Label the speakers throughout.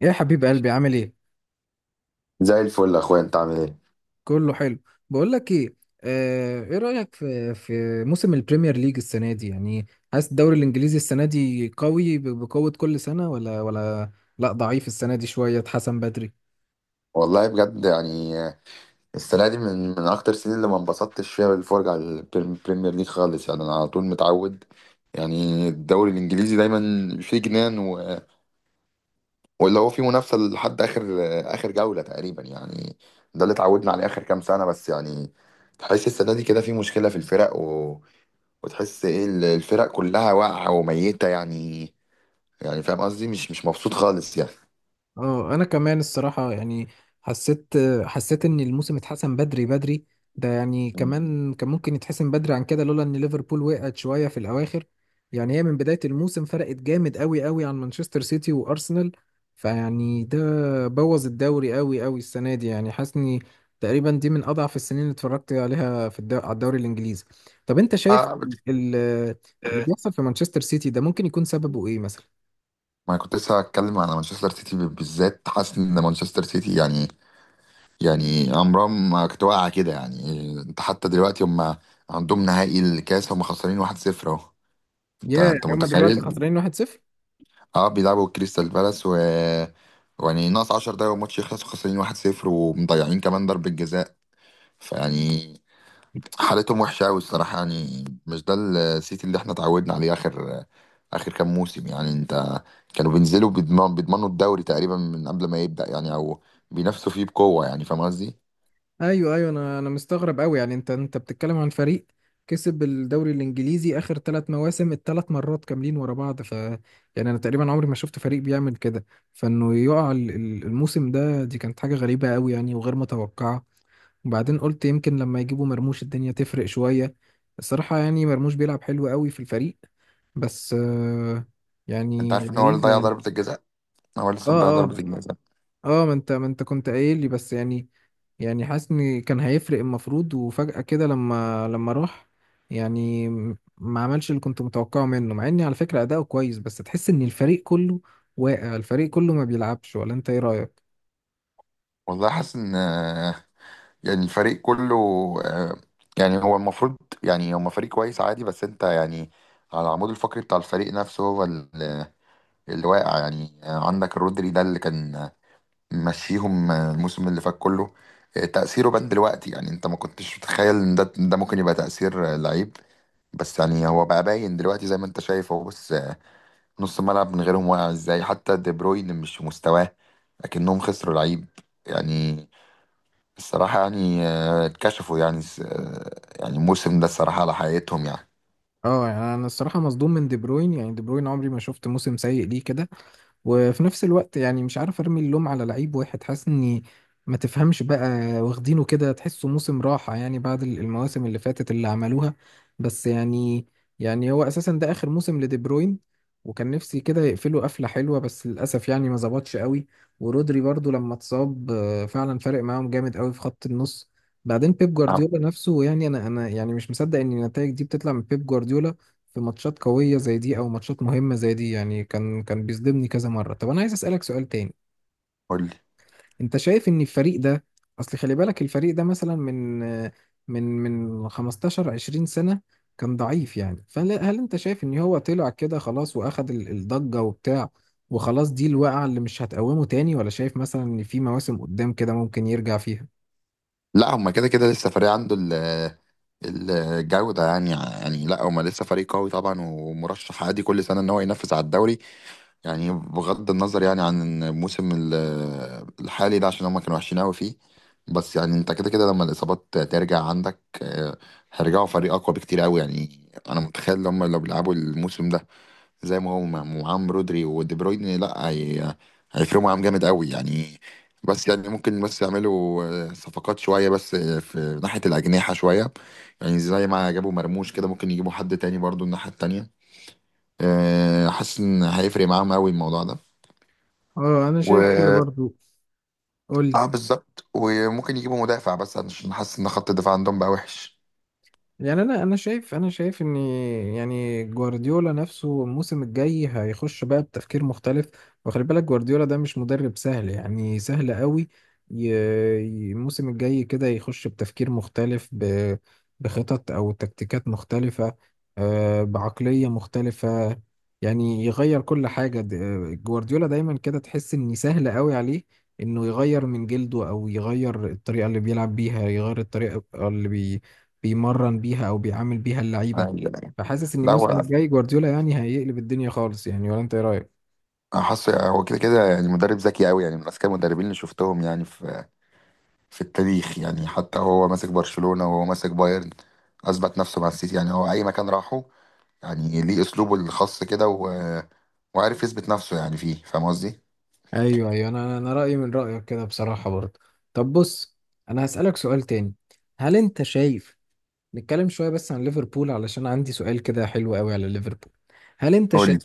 Speaker 1: يا حبيب قلبي عامل ايه.
Speaker 2: زي الفل يا اخويا، انت عامل ايه؟
Speaker 1: كله حلو. بقول لك ايه، ايه رأيك في موسم البريمير ليج السنة دي؟ يعني حاسس الدوري الانجليزي السنة دي قوي بقوة كل سنة ولا؟ لا، ضعيف السنة دي شوية، اتحسن بدري.
Speaker 2: والله بجد يعني السنه دي من اكتر السنين اللي ما انبسطتش فيها بالفرجه على البريمير ليج خالص، يعني انا على طول متعود، يعني الدوري الانجليزي دايما فيه جنان، و... واللي هو فيه منافسه لحد اخر جوله تقريبا يعني. ده اللي اتعودنا عليه اخر كام سنه، بس يعني تحس السنه دي كده في مشكله في الفرق، و... وتحس ايه الفرق كلها واقعه وميته يعني. يعني فاهم قصدي؟ مش مبسوط خالص يعني.
Speaker 1: اه، انا كمان الصراحه يعني حسيت حسيت ان الموسم اتحسن بدري. ده يعني كمان كان ممكن يتحسن بدري عن كده لولا ان ليفربول وقعت شويه في الاواخر. يعني هي من بدايه الموسم فرقت جامد قوي عن مانشستر سيتي وارسنال، فيعني ده بوظ الدوري قوي السنه دي يعني. حاسني تقريبا دي من اضعف السنين اللي اتفرجت عليها في على الدوري الانجليزي. طب انت شايف
Speaker 2: آه،
Speaker 1: ال- اللي بيحصل في مانشستر سيتي ده ممكن يكون سببه ايه مثلا؟
Speaker 2: ما أنا كنت لسه هتكلم على مانشستر سيتي بالذات. حاسس ان مانشستر سيتي يعني، يعني عمرها ما كانت واقعه كده. يعني انت حتى دلوقتي هم عندهم نهائي الكاس، هم خسرانين 1-0 اهو. انت
Speaker 1: يا يعني
Speaker 2: انت
Speaker 1: هما دلوقتي
Speaker 2: متخيل؟
Speaker 1: خسرانين 1-0؟
Speaker 2: اه بيلعبوا كريستال بالاس، و يعني ناقص 10 دقايق والماتش يخلص وخسرانين 1-0 ومضيعين كمان ضربة جزاء. فيعني حالتهم وحشة أوي الصراحة. يعني مش ده السيتي اللي احنا اتعودنا عليه آخر كام موسم يعني. أنت كانوا بينزلوا بيضمنوا الدوري تقريبا من قبل ما يبدأ يعني، أو بينافسوا فيه بقوة. يعني فاهم قصدي؟
Speaker 1: ايوه، انا مستغرب قوي يعني. انت بتتكلم عن فريق كسب الدوري الانجليزي اخر ثلاث مواسم، الثلاث مرات كاملين ورا بعض، ف يعني انا تقريبا عمري ما شفت فريق بيعمل كده، فانه يقع الموسم ده، دي كانت حاجه غريبه قوي يعني وغير متوقعه. وبعدين قلت يمكن لما يجيبوا مرموش الدنيا تفرق شويه، الصراحه يعني مرموش بيلعب حلو قوي في الفريق، بس
Speaker 2: أنت
Speaker 1: يعني
Speaker 2: عارف إن هو اللي
Speaker 1: غريبه
Speaker 2: ضيع
Speaker 1: يعني.
Speaker 2: ضربة الجزاء؟ هو لسه مضيع
Speaker 1: اه
Speaker 2: ضربة
Speaker 1: اه،
Speaker 2: الجزاء.
Speaker 1: اه ما انت كنت قايل لي بس يعني. يعني حاسس ان كان هيفرق المفروض، وفجأة كده لما راح يعني ما عملش اللي كنت متوقعه منه، مع اني على فكرة اداؤه كويس، بس تحس ان الفريق كله واقع، الفريق كله ما بيلعبش. ولا انت ايه رأيك؟
Speaker 2: والله حاسس إن يعني الفريق كله، آه، يعني هو المفروض، يعني هما فريق كويس عادي، بس أنت يعني على العمود الفقري بتاع الفريق نفسه هو اللي واقع يعني. عندك رودري ده اللي كان مشيهم الموسم اللي فات كله. تأثيره بان دلوقتي. يعني انت ما كنتش متخيل ان ده ممكن يبقى تأثير لعيب، بس يعني هو بقى باين دلوقتي زي ما انت شايف. هو بص، نص الملعب من غيرهم واقع ازاي، حتى دي بروين مش في مستواه. لكنهم خسروا لعيب يعني. الصراحة يعني اتكشفوا يعني يعني الموسم ده الصراحة على حقيقتهم يعني.
Speaker 1: اه يعني انا الصراحة مصدوم من دي بروين، يعني دي بروين عمري ما شفت موسم سيء ليه كده. وفي نفس الوقت يعني مش عارف ارمي اللوم على لعيب واحد، حاسس اني ما تفهمش بقى، واخدينه كده، تحسه موسم راحة يعني بعد المواسم اللي فاتت اللي عملوها. بس يعني، يعني هو اساسا ده اخر موسم لدي بروين، وكان نفسي كده يقفله قفلة حلوة، بس للاسف يعني ما ظبطش قوي. ورودري برضو لما اتصاب فعلا فارق معاهم جامد قوي في خط النص. بعدين بيب جوارديولا نفسه، يعني انا يعني مش مصدق ان النتائج دي بتطلع من بيب جوارديولا في ماتشات قوية زي دي أو ماتشات مهمة زي دي، يعني كان بيصدمني كذا مرة. طب أنا عايز أسألك سؤال تاني.
Speaker 2: نعم.
Speaker 1: أنت شايف إن الفريق ده، أصل خلي بالك الفريق ده مثلا من 15 20 سنة كان ضعيف، يعني فهل أنت شايف إن هو طلع كده خلاص وأخد الضجة وبتاع، وخلاص دي الوقعة اللي مش هتقومه تاني، ولا شايف مثلا إن في مواسم قدام كده ممكن يرجع فيها؟
Speaker 2: لا هما كده كده لسه فريق عنده الجودة يعني. يعني لا هما لسه فريق قوي طبعا، ومرشح عادي كل سنة ان هو ينافس على الدوري، يعني بغض النظر يعني عن الحالي ده عشان هما كانوا وحشين قوي فيه. بس يعني انت كده كده لما الإصابات ترجع عندك هيرجعوا فريق أقوى بكتير قوي يعني. انا متخيل ان هما لو بيلعبوا الموسم ده زي ما هو معاهم رودري ودي بروين، لا هي... هيفرقوا معاهم جامد قوي يعني. بس يعني ممكن بس يعملوا صفقات شوية، بس في ناحية الأجنحة شوية. يعني زي ما جابوا مرموش كده ممكن يجيبوا حد تاني برضو الناحية التانية. حاسس إن هيفرق معاهم قوي الموضوع ده.
Speaker 1: اه انا شايف كده
Speaker 2: و
Speaker 1: برضو. قول لي.
Speaker 2: اه بالظبط، وممكن يجيبوا مدافع بس عشان حاسس إن خط الدفاع عندهم بقى وحش.
Speaker 1: يعني انا شايف، انا شايف ان يعني جوارديولا نفسه الموسم الجاي هيخش بقى بتفكير مختلف. وخلي بالك جوارديولا ده مش مدرب سهل يعني سهل قوي. الموسم الجاي كده يخش بتفكير مختلف، بخطط او تكتيكات مختلفة، بعقلية مختلفة، يعني يغير كل حاجة. جوارديولا دايما كده تحس ان سهل قوي عليه انه يغير من جلده، او يغير الطريقة اللي بيلعب بيها، يغير الطريقة اللي بيمرن بيها او بيعامل بيها اللعيبه.
Speaker 2: أيوة.
Speaker 1: فحاسس ان
Speaker 2: لا
Speaker 1: الموسم
Speaker 2: هو
Speaker 1: الجاي جوارديولا يعني هيقلب الدنيا خالص يعني، ولا انت ايه رايك؟
Speaker 2: حاسس هو كده كده يعني مدرب ذكي قوي، يعني من أذكى المدربين اللي شفتهم يعني في التاريخ. يعني حتى وهو ماسك برشلونة وهو ماسك بايرن أثبت نفسه مع السيتي. يعني هو أي مكان راحه يعني ليه أسلوبه الخاص كده، و... وعارف يثبت نفسه يعني فيه. فاهم قصدي؟
Speaker 1: ايوه، انا رايي من رايك كده بصراحه برضه. طب بص، انا هسالك سؤال تاني. هل انت شايف، نتكلم شويه بس عن ليفربول علشان عندي سؤال كده حلو قوي على ليفربول. هل انت
Speaker 2: قول
Speaker 1: شايف
Speaker 2: لي.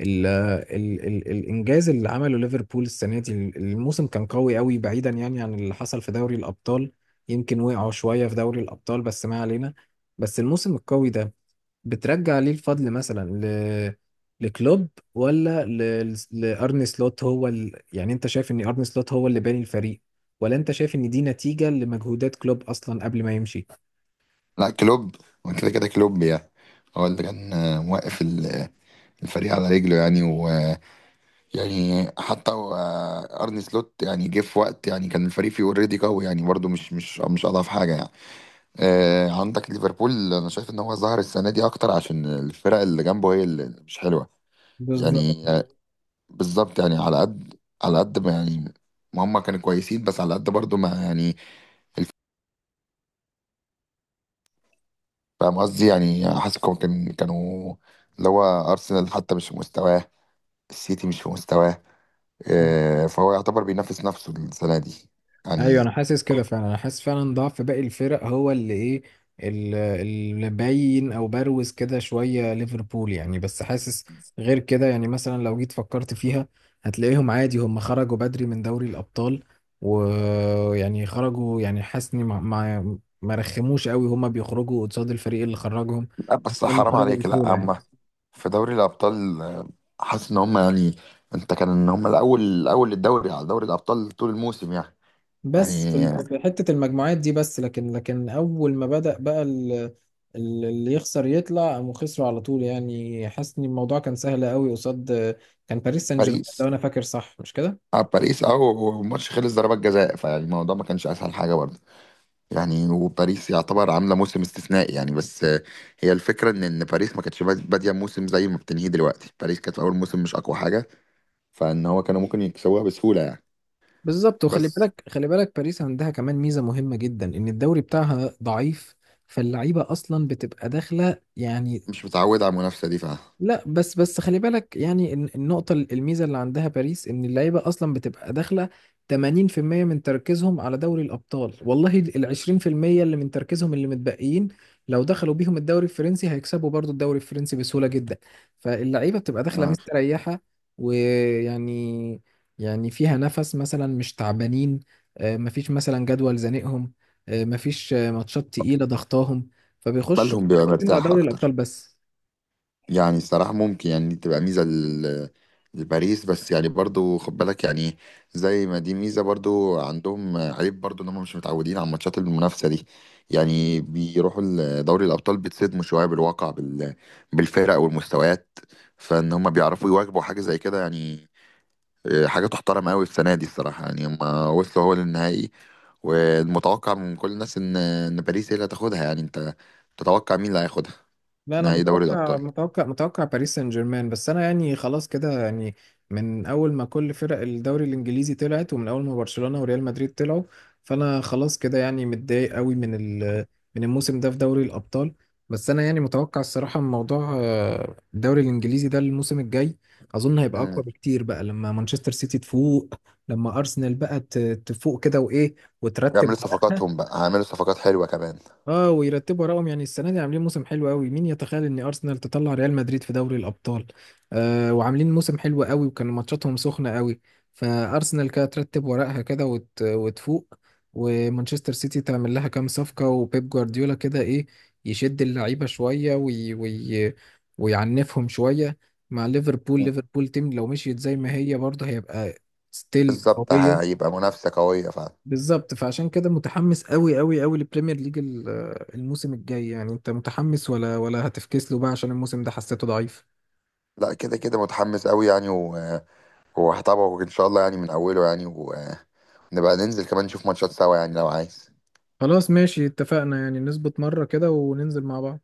Speaker 1: ال الانجاز اللي عمله ليفربول السنه دي، الموسم كان قوي بعيدا يعني عن اللي حصل في دوري الابطال، يمكن وقعوا شويه في دوري الابطال بس ما علينا، بس الموسم القوي ده بترجع ليه الفضل مثلا لكلوب، ولا لارني سلوت؟ هو يعني انت شايف ان ارني سلوت هو اللي باني الفريق، ولا انت شايف ان دي نتيجة لمجهودات كلوب اصلا قبل ما يمشي؟
Speaker 2: لا كلوب، هو كده كده كلوب يعني هو اللي كان موقف الفريق على رجله يعني، ويعني حتى أرني سلوت يعني جه في وقت يعني كان الفريق فيه اوريدي قوي يعني، برضه مش أضعف حاجة يعني. عندك ليفربول، أنا شايف إن هو ظهر السنة دي أكتر عشان الفرق اللي جنبه هي اللي مش حلوة.
Speaker 1: بالظبط.
Speaker 2: يعني بالظبط يعني على قد ما يعني ما هم كانوا كويسين، بس على قد برضو ما يعني الف- فاهم قصدي. يعني حاسس كان كانوا اللي هو ارسنال حتى مش في مستواه، السيتي مش في مستواه. فهو يعتبر بينافس نفسه السنه دي
Speaker 1: ايوه،
Speaker 2: يعني.
Speaker 1: انا حاسس كده فعلا، انا حاسس فعلا ضعف باقي الفرق هو اللي ايه، اللي باين، او بروز كده شويه ليفربول يعني. بس حاسس غير كده يعني، مثلا لو جيت فكرت فيها هتلاقيهم عادي هم خرجوا بدري من دوري الابطال، ويعني خرجوا، يعني حاسس إني ما رخموش قوي، هم بيخرجوا قصاد الفريق اللي خرجهم،
Speaker 2: لا بس
Speaker 1: هم
Speaker 2: حرام
Speaker 1: خرجوا
Speaker 2: عليك، لا
Speaker 1: بسهوله يعني.
Speaker 2: اما في دوري الابطال حاسس ان هم يعني، انت كان ان هم الاول الاول للدوري على دوري الابطال طول الموسم يعني.
Speaker 1: بس في
Speaker 2: يعني
Speaker 1: في حتة المجموعات دي بس، لكن أول ما بدأ بقى اللي يخسر يطلع، قاموا خسروا على طول يعني. حاسس إن الموضوع كان سهل قوي، قصاد كان باريس سان جيرمان
Speaker 2: باريس،
Speaker 1: لو أنا فاكر صح، مش كده؟
Speaker 2: اه باريس. اه والماتش خلص ضربات جزاء، فيعني الموضوع ما كانش اسهل حاجه برضه. يعني وباريس يعتبر عامله موسم استثنائي يعني، بس هي الفكره ان ان باريس ما كانتش باديه موسم زي ما بتنهيه دلوقتي. باريس كانت في اول موسم مش اقوى حاجه، فان هو كانوا ممكن يكسبوها بسهوله يعني.
Speaker 1: بالظبط. وخلي
Speaker 2: بس
Speaker 1: بالك خلي بالك باريس عندها كمان ميزة مهمة جدا، إن الدوري بتاعها ضعيف، فاللعيبة أصلا بتبقى داخلة يعني.
Speaker 2: مش متعود على المنافسه دي، ف
Speaker 1: لا، بس خلي بالك يعني، النقطة، الميزة اللي عندها باريس إن اللعيبة أصلا بتبقى داخلة 80% من تركيزهم على دوري الأبطال، والله ال 20% اللي من تركيزهم اللي متبقيين لو دخلوا بيهم الدوري الفرنسي هيكسبوا برضو الدوري الفرنسي بسهولة جدا. فاللعيبة بتبقى داخلة
Speaker 2: آه،
Speaker 1: مستريحة، ويعني يعني فيها نفس مثلا، مش تعبانين، مفيش مثلا جدول زنقهم، مفيش ماتشات تقيلة ضغطاهم، فبيخشوا
Speaker 2: بالهم بيبقى
Speaker 1: مركزين على
Speaker 2: مرتاح
Speaker 1: دوري الأبطال
Speaker 2: اكتر.
Speaker 1: بس.
Speaker 2: يعني الصراحة ممكن يعني دي تبقى ميزة لباريس، بس يعني برضو خد بالك يعني زي ما دي ميزة برضو عندهم عيب برضو، ان هم مش متعودين على ماتشات المنافسة دي. يعني بيروحوا دوري الأبطال بيتصدموا شوية بالواقع بالفرق والمستويات، فان هم بيعرفوا يواجبوا حاجة زي كده يعني. حاجة تحترم قوي السنة دي الصراحة يعني. هم وصلوا هو للنهائي، والمتوقع من كل الناس ان ان باريس هي اللي هتاخدها. يعني انت تتوقع مين اللي هياخدها
Speaker 1: لا، انا
Speaker 2: نهائي دوري
Speaker 1: متوقع
Speaker 2: الأبطال؟
Speaker 1: متوقع باريس سان جيرمان، بس انا يعني خلاص كده يعني من اول ما كل فرق الدوري الانجليزي طلعت، ومن اول ما برشلونة وريال مدريد طلعوا، فانا خلاص كده يعني متضايق قوي من ال، من الموسم ده في دوري الابطال. بس انا يعني متوقع الصراحة من موضوع الدوري الانجليزي ده الموسم الجاي اظن هيبقى
Speaker 2: آه.
Speaker 1: اقوى بكتير، بقى لما مانشستر سيتي تفوق، لما ارسنال بقى تفوق كده، وايه، وترتب.
Speaker 2: يعملوا صفقاتهم بقى، هيعملوا صفقات حلوة كمان.
Speaker 1: اه، ويرتبوا وراهم يعني. السنه دي عاملين موسم حلو قوي، مين يتخيل ان ارسنال تطلع ريال مدريد في دوري الابطال؟ آه، وعاملين موسم حلو قوي، وكان ماتشاتهم سخنه قوي. فارسنال كده ترتب ورقها كده وتفوق، ومانشستر سيتي تعمل لها كام صفقه، وبيب جوارديولا كده ايه يشد اللعيبه شويه ويعنفهم شويه. مع ليفربول،
Speaker 2: مم.
Speaker 1: ليفربول تيم لو مشيت زي ما هي برضه هيبقى ستيل
Speaker 2: بالظبط
Speaker 1: قويه.
Speaker 2: هيبقى منافسة قوية فعلا.
Speaker 1: بالظبط، فعشان كده متحمس قوي للبريمير ليج الموسم الجاي يعني. انت متحمس ولا هتفكس له بقى عشان الموسم ده حسيته ضعيف؟
Speaker 2: لا كده كده متحمس قوي يعني، وهتابعه ان شاء الله يعني من اوله يعني، ونبقى ننزل كمان نشوف ماتشات سوا يعني لو عايز.
Speaker 1: خلاص، ماشي، اتفقنا يعني نظبط مرة كده وننزل مع بعض.